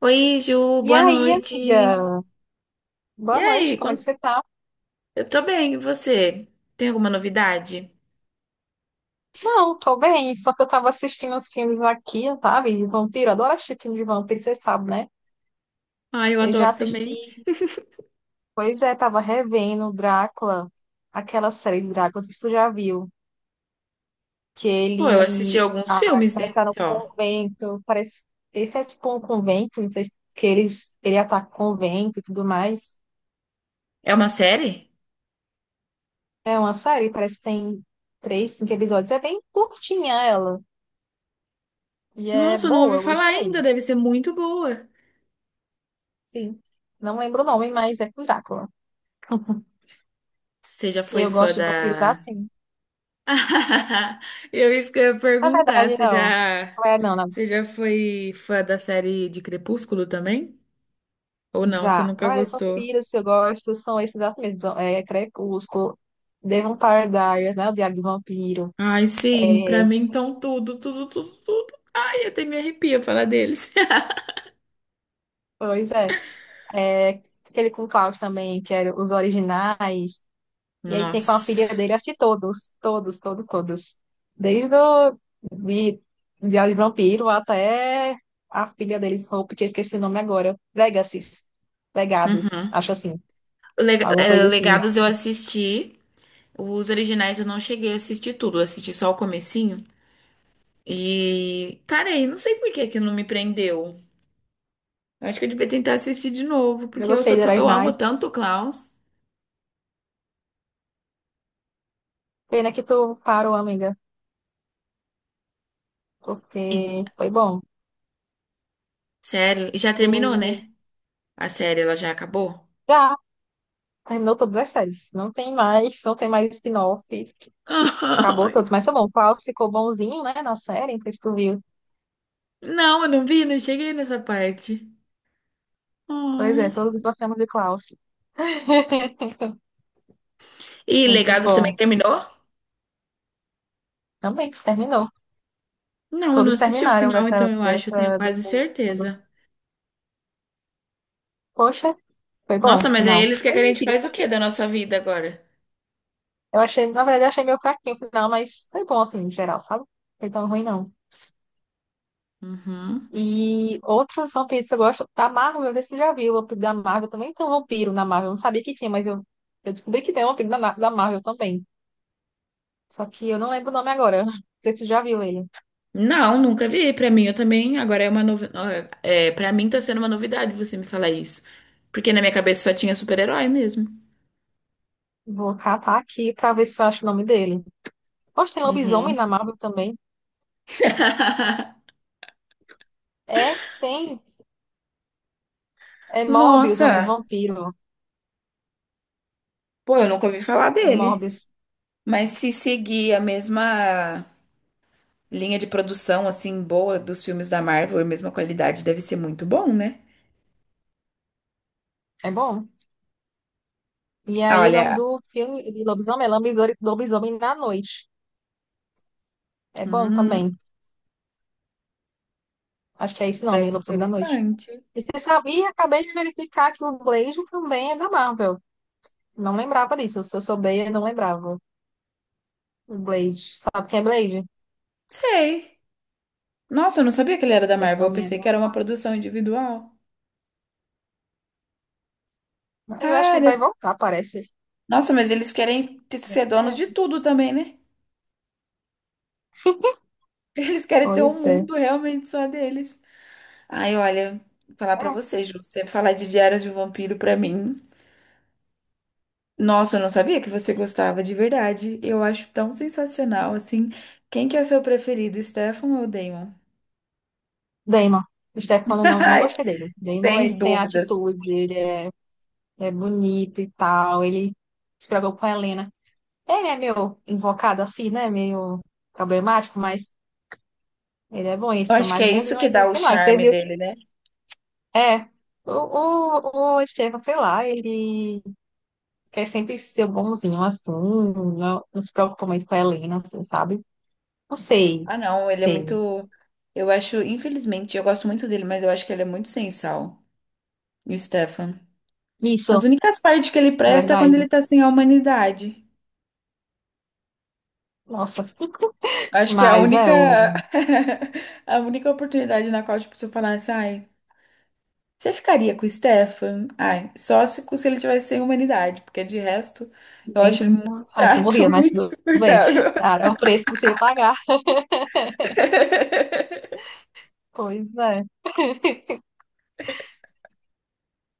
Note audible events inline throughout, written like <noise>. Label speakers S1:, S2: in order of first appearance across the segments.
S1: Oi, Ju,
S2: E
S1: boa
S2: aí,
S1: noite.
S2: amiga?
S1: E
S2: Boa noite,
S1: aí,
S2: como é que
S1: quan-
S2: você tá?
S1: eu tô bem, e você? Tem alguma novidade?
S2: Não, tô bem, só que eu tava assistindo os filmes aqui, sabe? De vampiro, eu adoro assistir filme de vampiro, você sabe, né?
S1: Ah, eu
S2: Eu já
S1: adoro também.
S2: assisti, pois é, tava revendo Drácula, aquela série de Drácula, não sei se tu já viu, que
S1: Pô, eu assisti
S2: ele
S1: alguns filmes
S2: parece que
S1: dele
S2: tá no
S1: só.
S2: convento, parece, esse é tipo um convento, não sei se que eles, ele ataca o convento e tudo mais.
S1: É uma série?
S2: É uma série, parece que tem três, cinco episódios, é bem curtinha ela, e é
S1: Nossa, eu não
S2: boa,
S1: ouvi
S2: eu
S1: falar
S2: gostei.
S1: ainda, deve ser muito boa.
S2: Sim. Não lembro o nome, mas é com Drácula.
S1: Você já
S2: E
S1: foi
S2: eu
S1: fã
S2: gosto de vampiros
S1: da.
S2: assim.
S1: <laughs> Eu isso que eu ia
S2: Na
S1: perguntar,
S2: verdade, não. Não é, não, não.
S1: você já foi fã da série de Crepúsculo também? Ou não, você
S2: Já.
S1: nunca
S2: Na verdade,
S1: gostou?
S2: vampiros que eu gosto são esses assim mesmo. Então, é Crepúsculo, The Vampire Diaries, né? O Diário do Vampiro.
S1: Ai,
S2: É,
S1: sim, pra mim então tudo, tudo, tudo, tudo. Ai, até me arrepia falar deles. <laughs>
S2: pois é. É aquele com Klaus também, que era os originais. E aí tem com a
S1: Nossa.
S2: filha dele, acho que todos, todos, todos, todos. Desde o de Diário de Vampiro até a filha deles, Hope, que eu esqueci o nome agora. Legacies. Legados,
S1: Uhum.
S2: acho assim. Alguma coisa assim, não.
S1: Legados eu assisti. Os originais eu não cheguei a assistir tudo. Eu assisti só o comecinho. E parei. Não sei por que que não me prendeu. Eu acho que eu devia tentar assistir de novo,
S2: Eu
S1: porque eu
S2: gostei
S1: sou
S2: de Heróis
S1: eu amo
S2: Nice.
S1: tanto o Klaus.
S2: Pena que tu parou, amiga,
S1: E,
S2: porque foi bom.
S1: sério, e já
S2: Tu
S1: terminou, né? A série, ela já acabou?
S2: já terminou todas as séries. Não tem mais, não tem mais spin-off. Acabou
S1: <laughs> Ai.
S2: tudo. Mas tá bom, o Klaus ficou bonzinho, né, na série, não sei se tu viu.
S1: Não, eu não vi, não cheguei nessa parte.
S2: Pois é,
S1: Ai.
S2: todos gostamos de Klaus. <laughs>
S1: E
S2: Muito
S1: Legados também
S2: bom.
S1: terminou?
S2: Também, terminou.
S1: Não, eu não
S2: Todos
S1: assisti o
S2: terminaram
S1: final, então
S2: dessa,
S1: eu acho, eu tenho
S2: dessa do
S1: quase
S2: mundo.
S1: certeza.
S2: Poxa, foi bom,
S1: Nossa,
S2: o
S1: mas aí
S2: final.
S1: eles
S2: Foi
S1: querem que a gente
S2: mentira.
S1: faz o quê da nossa vida agora?
S2: Eu achei, na verdade, eu achei meio fraquinho o final, mas foi bom, assim, em geral, sabe? Não foi tão ruim, não.
S1: Uhum.
S2: E outros vampiros que eu gosto, da Marvel, eu não sei se tu já viu, o vampiro da Marvel também tem um vampiro na Marvel. Eu não sabia que tinha, mas eu descobri que tem um vampiro da Marvel também. Só que eu não lembro o nome agora. <laughs> Não sei se tu já viu ele.
S1: Não, nunca vi. Pra mim, eu também. Agora é uma novidade. É, para mim tá sendo uma novidade você me falar isso. Porque na minha cabeça só tinha super-herói mesmo.
S2: Vou catar aqui pra ver se eu acho o nome dele. Poxa, tem lobisomem na
S1: Uhum.
S2: Marvel também.
S1: <laughs>
S2: É, tem. É Morbius, o nome do
S1: Nossa,
S2: vampiro.
S1: pô, eu nunca ouvi falar
S2: É
S1: dele.
S2: Morbius.
S1: Mas se seguir a mesma linha de produção, assim, boa dos filmes da Marvel, a mesma qualidade, deve ser muito bom, né?
S2: É bom. E
S1: Ah,
S2: aí, o nome
S1: olha.
S2: do filme de lobisomem é Lobisomem na Noite. É bom
S1: Hum,
S2: também. Acho que é esse nome,
S1: parece
S2: Lobisomem da Noite.
S1: interessante.
S2: Você sabia? Acabei de verificar que o Blade também é da Marvel. Não lembrava disso. Se eu souber, eu não lembrava. O Blade. Sabe quem é Blade?
S1: Sei. Nossa, eu não sabia que ele era da
S2: Blade
S1: Marvel. Eu
S2: também é
S1: pensei
S2: da...
S1: que era uma produção individual.
S2: Eu acho que ele
S1: Cara,
S2: vai voltar, parece.
S1: nossa, mas eles querem ser donos de
S2: É.
S1: tudo também, né?
S2: <laughs>
S1: <laughs> Eles querem ter um
S2: Pois é.
S1: mundo realmente só deles. Ai, olha, vou falar pra
S2: É.
S1: você, Ju, você falar de Diários de um Vampiro pra mim. Nossa, eu não sabia que você gostava de verdade. Eu acho tão sensacional, assim. Quem que é seu preferido, Stefan ou Damon?
S2: Damon. O
S1: <laughs>
S2: Stefano, não, não
S1: Ai,
S2: gostei dele. Damon,
S1: sem
S2: ele tem
S1: dúvidas.
S2: atitude, ele é é bonito e tal. Ele se preocupa com a Helena. Ele é meio invocado assim, né? Meio problemático, mas ele é bom, ele
S1: Eu
S2: fica
S1: acho que
S2: mais
S1: é isso
S2: bonzinho
S1: que
S2: ainda
S1: dá
S2: no
S1: o
S2: final. Você
S1: charme
S2: viu que
S1: dele, né?
S2: é. O Estevam, sei lá, ele quer sempre ser bonzinho assim, não, não se preocupa muito com a Helena, assim, sabe? Não
S1: Ah,
S2: sei,
S1: não, ele é
S2: sei.
S1: muito. Eu acho, infelizmente, eu gosto muito dele, mas eu acho que ele é muito sem sal, o Stefan.
S2: Isso,
S1: As únicas partes que ele
S2: na
S1: presta é quando ele
S2: verdade.
S1: tá sem a humanidade.
S2: Nossa,
S1: Acho que é a
S2: mas
S1: única.
S2: é, o.
S1: <laughs> A única oportunidade na qual, tipo, se eu falasse, ai, você ficaria com o Stefan? Ai, só se ele tivesse sem humanidade, porque de resto, eu
S2: Nem...
S1: acho ele muito
S2: Ai, você
S1: chato, <laughs>
S2: morria, mas
S1: muito
S2: tudo bem.
S1: insuportável.
S2: Cara, é o preço que você ia pagar.
S1: <laughs>
S2: Pois é.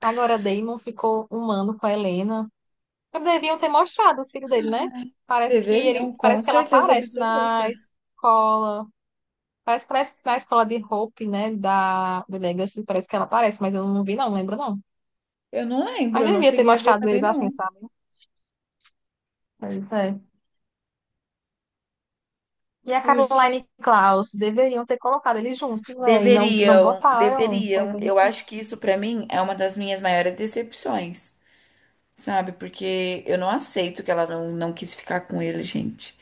S2: Agora, Damon ficou um ano com a Helena. Deviam ter mostrado o filho dele, né? Parece que ele,
S1: Deveriam, com
S2: parece que ela
S1: certeza
S2: aparece na
S1: absoluta.
S2: escola. Parece que na escola de Hope, né? Da, do Legacy, parece que ela aparece, mas eu não vi, não, lembro não.
S1: Eu não lembro,
S2: Mas
S1: eu não
S2: devia ter
S1: cheguei a ver
S2: mostrado
S1: também,
S2: eles assim,
S1: não.
S2: sabe? É isso aí. E a
S1: Puxa.
S2: Caroline e Klaus, deveriam ter colocado eles juntos, né? E não, não
S1: Deveriam,
S2: botaram. É
S1: deveriam.
S2: bem
S1: Eu acho que
S2: triste.
S1: isso pra mim é uma das minhas maiores decepções, sabe? Porque eu não aceito que ela não, não quis ficar com ele, gente.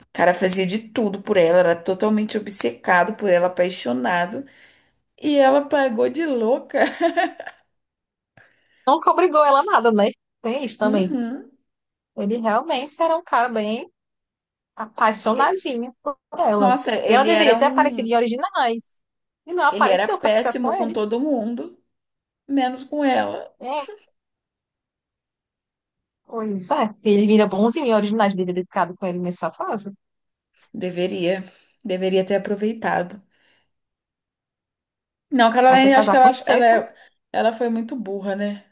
S1: O cara fazia de tudo por ela, era totalmente obcecado por ela, apaixonado, e ela pagou de louca. <laughs>
S2: Nunca obrigou ela a nada, né? Tem isso também.
S1: Uhum.
S2: Ele realmente era um cara bem
S1: E-
S2: apaixonadinha por ela.
S1: Nossa,
S2: E ela
S1: ele era
S2: deveria ter
S1: um,
S2: aparecido em originais. E não
S1: ele era
S2: apareceu pra ficar com
S1: péssimo com
S2: ele.
S1: todo mundo, menos com ela.
S2: É, pois é. Ele vira bonzinho em originais, deveria ter ficado com ele nessa fase.
S1: Deveria, deveria ter aproveitado. Não,
S2: Aí foi
S1: Caroline, acho que
S2: casar com Stephanie.
S1: é- ela foi muito burra, né?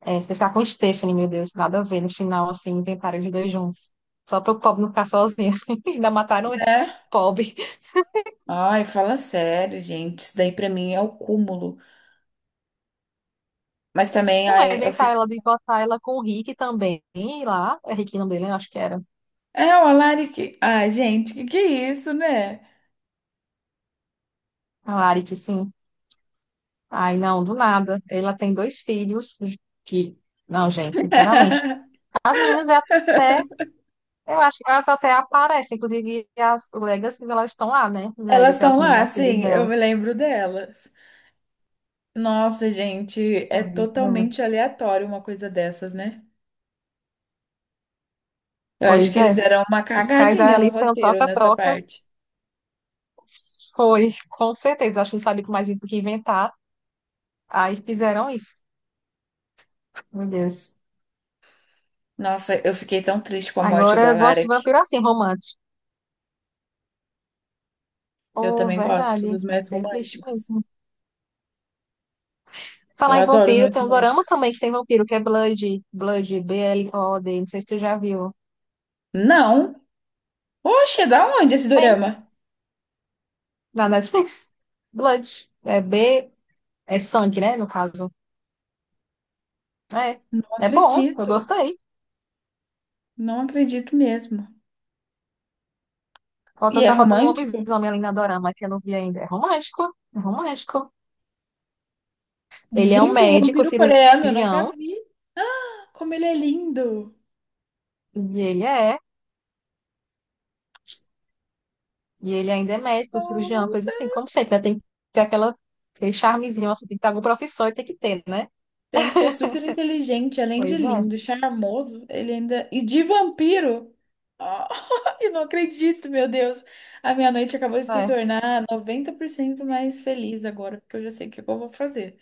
S2: É, foi ficar com Stephanie, meu Deus, nada a ver. No final, assim, inventaram os dois juntos. Só para o pobre não ficar sozinho. <laughs> Ainda mataram ele.
S1: Né?
S2: Pobre.
S1: Ai, fala sério, gente. Isso daí pra mim é o cúmulo. Mas também,
S2: Não, é
S1: ai, eu
S2: inventar
S1: fico.
S2: ela de botar ela com o Rick também E lá. É Rick o nome dele, né? Eu acho que era.
S1: É, o Alaric. Ai, gente, que é isso, né?
S2: A Lari, que sim. Ai, não, do nada. Ela tem dois filhos que. Não, gente, sinceramente.
S1: <laughs>
S2: As meninas, é- eu acho que elas até aparecem. Inclusive, as Legacies, elas estão lá, né?
S1: Elas
S2: Legacy,
S1: estão
S2: as meninas,
S1: lá,
S2: as filhas
S1: sim, eu
S2: dela.
S1: me lembro delas. Nossa, gente, é
S2: Pois é.
S1: totalmente aleatório uma coisa dessas, né? Eu acho
S2: Pois
S1: que eles
S2: é.
S1: deram uma
S2: Os caras
S1: cagadinha no
S2: ali foi um
S1: roteiro nessa
S2: troca-troca.
S1: parte.
S2: Foi, com certeza. Acho que não sabia mais o que inventar. Aí fizeram isso. Meu Deus.
S1: Nossa, eu fiquei tão triste com a morte
S2: Agora
S1: do
S2: eu gosto de
S1: Alaric.
S2: vampiro assim, romântico.
S1: Eu
S2: Oh,
S1: também gosto
S2: verdade.
S1: dos mais
S2: Fiquei triste
S1: românticos.
S2: mesmo.
S1: Eu
S2: Falar em
S1: adoro os
S2: vampiro,
S1: mais
S2: tem um dorama
S1: românticos.
S2: também que tem vampiro, que é Blood. Blood, B-L-O-D. Não sei se tu já viu.
S1: Não! Poxa, da onde esse
S2: Tem,
S1: dorama?
S2: na Netflix. Blood. É B, é sangue, né? No caso. É.
S1: Não
S2: É bom, eu
S1: acredito,
S2: gostei.
S1: não acredito mesmo. E
S2: Faltando,
S1: é
S2: tá faltando um
S1: romântico?
S2: lobisomem ali na dorama, que eu não vi ainda. É romântico. É romântico. Ele é um
S1: Gente, o
S2: médico,
S1: vampiro coreano, eu nunca
S2: cirurgião.
S1: vi. Como ele é lindo.
S2: E ele é. E ele ainda é médico, cirurgião, coisa
S1: Nossa.
S2: assim. Como sempre, né? Tem que ter aquela, aquele charmezinho, assim, tem que ter alguma profissão e tem que ter, né?
S1: Tem que ser super inteligente, além de
S2: Pois é.
S1: lindo, charmoso, ele ainda. E de vampiro? Ah, <laughs> eu não acredito, meu Deus. A minha noite acabou de se
S2: É.
S1: tornar 90% mais feliz agora, porque eu já sei o que eu vou fazer.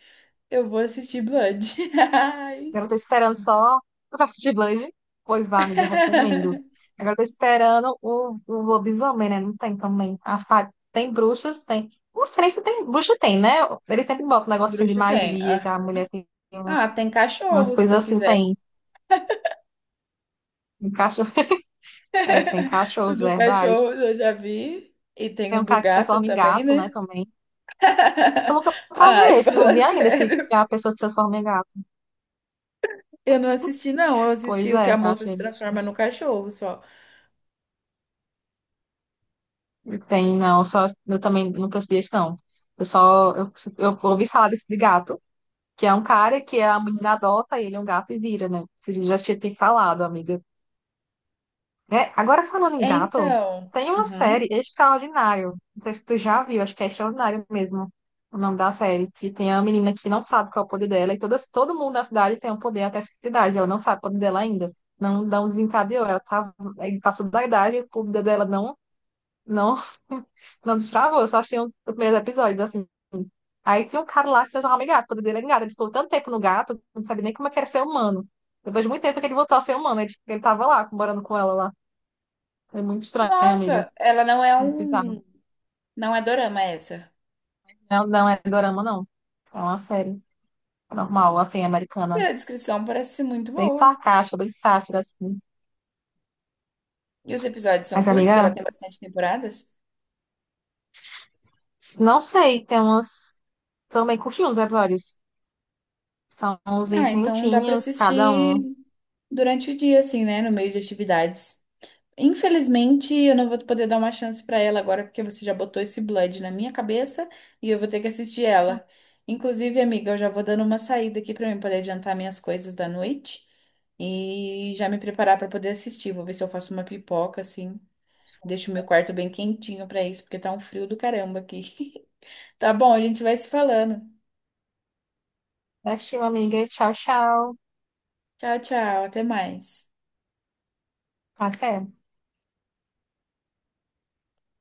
S1: Eu vou assistir Blood. <laughs> Ai.
S2: Agora eu tô esperando só. Tu tá assistindo Blade? Pois vá, amiga, recomendo.
S1: <laughs>
S2: Agora eu tô esperando o lobisomem, né? Não tem também. A fa... Tem bruxas, tem. Não sei nem se tem. Bruxa tem, né? Eles sempre botam um negócio assim de
S1: Bruxo tem,
S2: magia, que a
S1: aham.
S2: mulher tem
S1: Ah,
S2: umas,
S1: tem
S2: umas
S1: cachorro, se
S2: coisas
S1: você
S2: assim,
S1: quiser.
S2: tem. Tem cachorro. <laughs> É, tem
S1: <laughs>
S2: cachorro,
S1: O do
S2: verdade.
S1: cachorro eu já vi. E tem
S2: Tem
S1: o
S2: um
S1: do
S2: cara que se
S1: gato
S2: transforma em
S1: também,
S2: gato, né,
S1: né?
S2: também. Tô louca
S1: <laughs>
S2: pra
S1: Ai,
S2: ver esse. Não
S1: fala
S2: vi ainda esse
S1: sério.
S2: que a pessoa se transforma em gato.
S1: Eu não assisti, não. Eu
S2: Pois
S1: assisti o que
S2: é,
S1: a
S2: eu
S1: moça se
S2: achei meio
S1: transforma no
S2: estranho.
S1: cachorro só.
S2: Tem, não, só eu também nunca percebi isso, não. Eu só eu, eu ouvi falar desse de gato, que é um cara que a menina adota, ele é um gato e vira, né? Você já tinha te falado, amiga. É, agora falando em gato,
S1: Então,
S2: tem uma
S1: uhum.
S2: série Extraordinário. Não sei se tu já viu, acho que é Extraordinário mesmo o nome da série, que tem a menina que não sabe qual é o poder dela, e todas, todo mundo da cidade tem um poder até essa idade, ela não sabe o poder dela ainda. Não, não desencadeou, ela tá, aí passou da idade, o poder dela não, <laughs> não destravou, eu só achei os primeiros episódios, assim. Aí tinha um cara lá que se transformava em gato, poder dele era gato. Ele ficou tanto tempo no gato, não sabia nem como é que era ser humano. Depois de muito tempo que ele voltou a ser humano, ele tava lá, morando com ela lá. É muito estranho, amiga.
S1: Nossa, ela não é
S2: Muito bizarro.
S1: um. Não é dorama essa.
S2: Não, não é dorama, não. É uma série normal, assim, americana.
S1: Pela descrição, parece ser muito
S2: Bem
S1: boa.
S2: sarcástica, bem sátira, assim.
S1: E os episódios são
S2: Mas,
S1: curtos, ela
S2: amiga,
S1: tem bastante temporadas.
S2: não sei, tem umas... São bem curtinhos os episódios. São uns
S1: Ah,
S2: 20
S1: então dá pra
S2: minutinhos cada
S1: assistir
S2: um.
S1: durante o dia, assim, né? No meio de atividades. Infelizmente, eu não vou poder dar uma chance pra ela agora, porque você já botou esse Blood na minha cabeça e eu vou ter que assistir ela. Inclusive, amiga, eu já vou dando uma saída aqui pra mim poder adiantar minhas coisas da noite e já me preparar pra poder assistir. Vou ver se eu faço uma pipoca assim, deixo o meu quarto bem quentinho pra isso, porque tá um frio do caramba aqui. <laughs> Tá bom, a gente vai se falando.
S2: Assistiu, amiga. Tchau, tchau.
S1: Tchau, tchau, até mais.
S2: Até.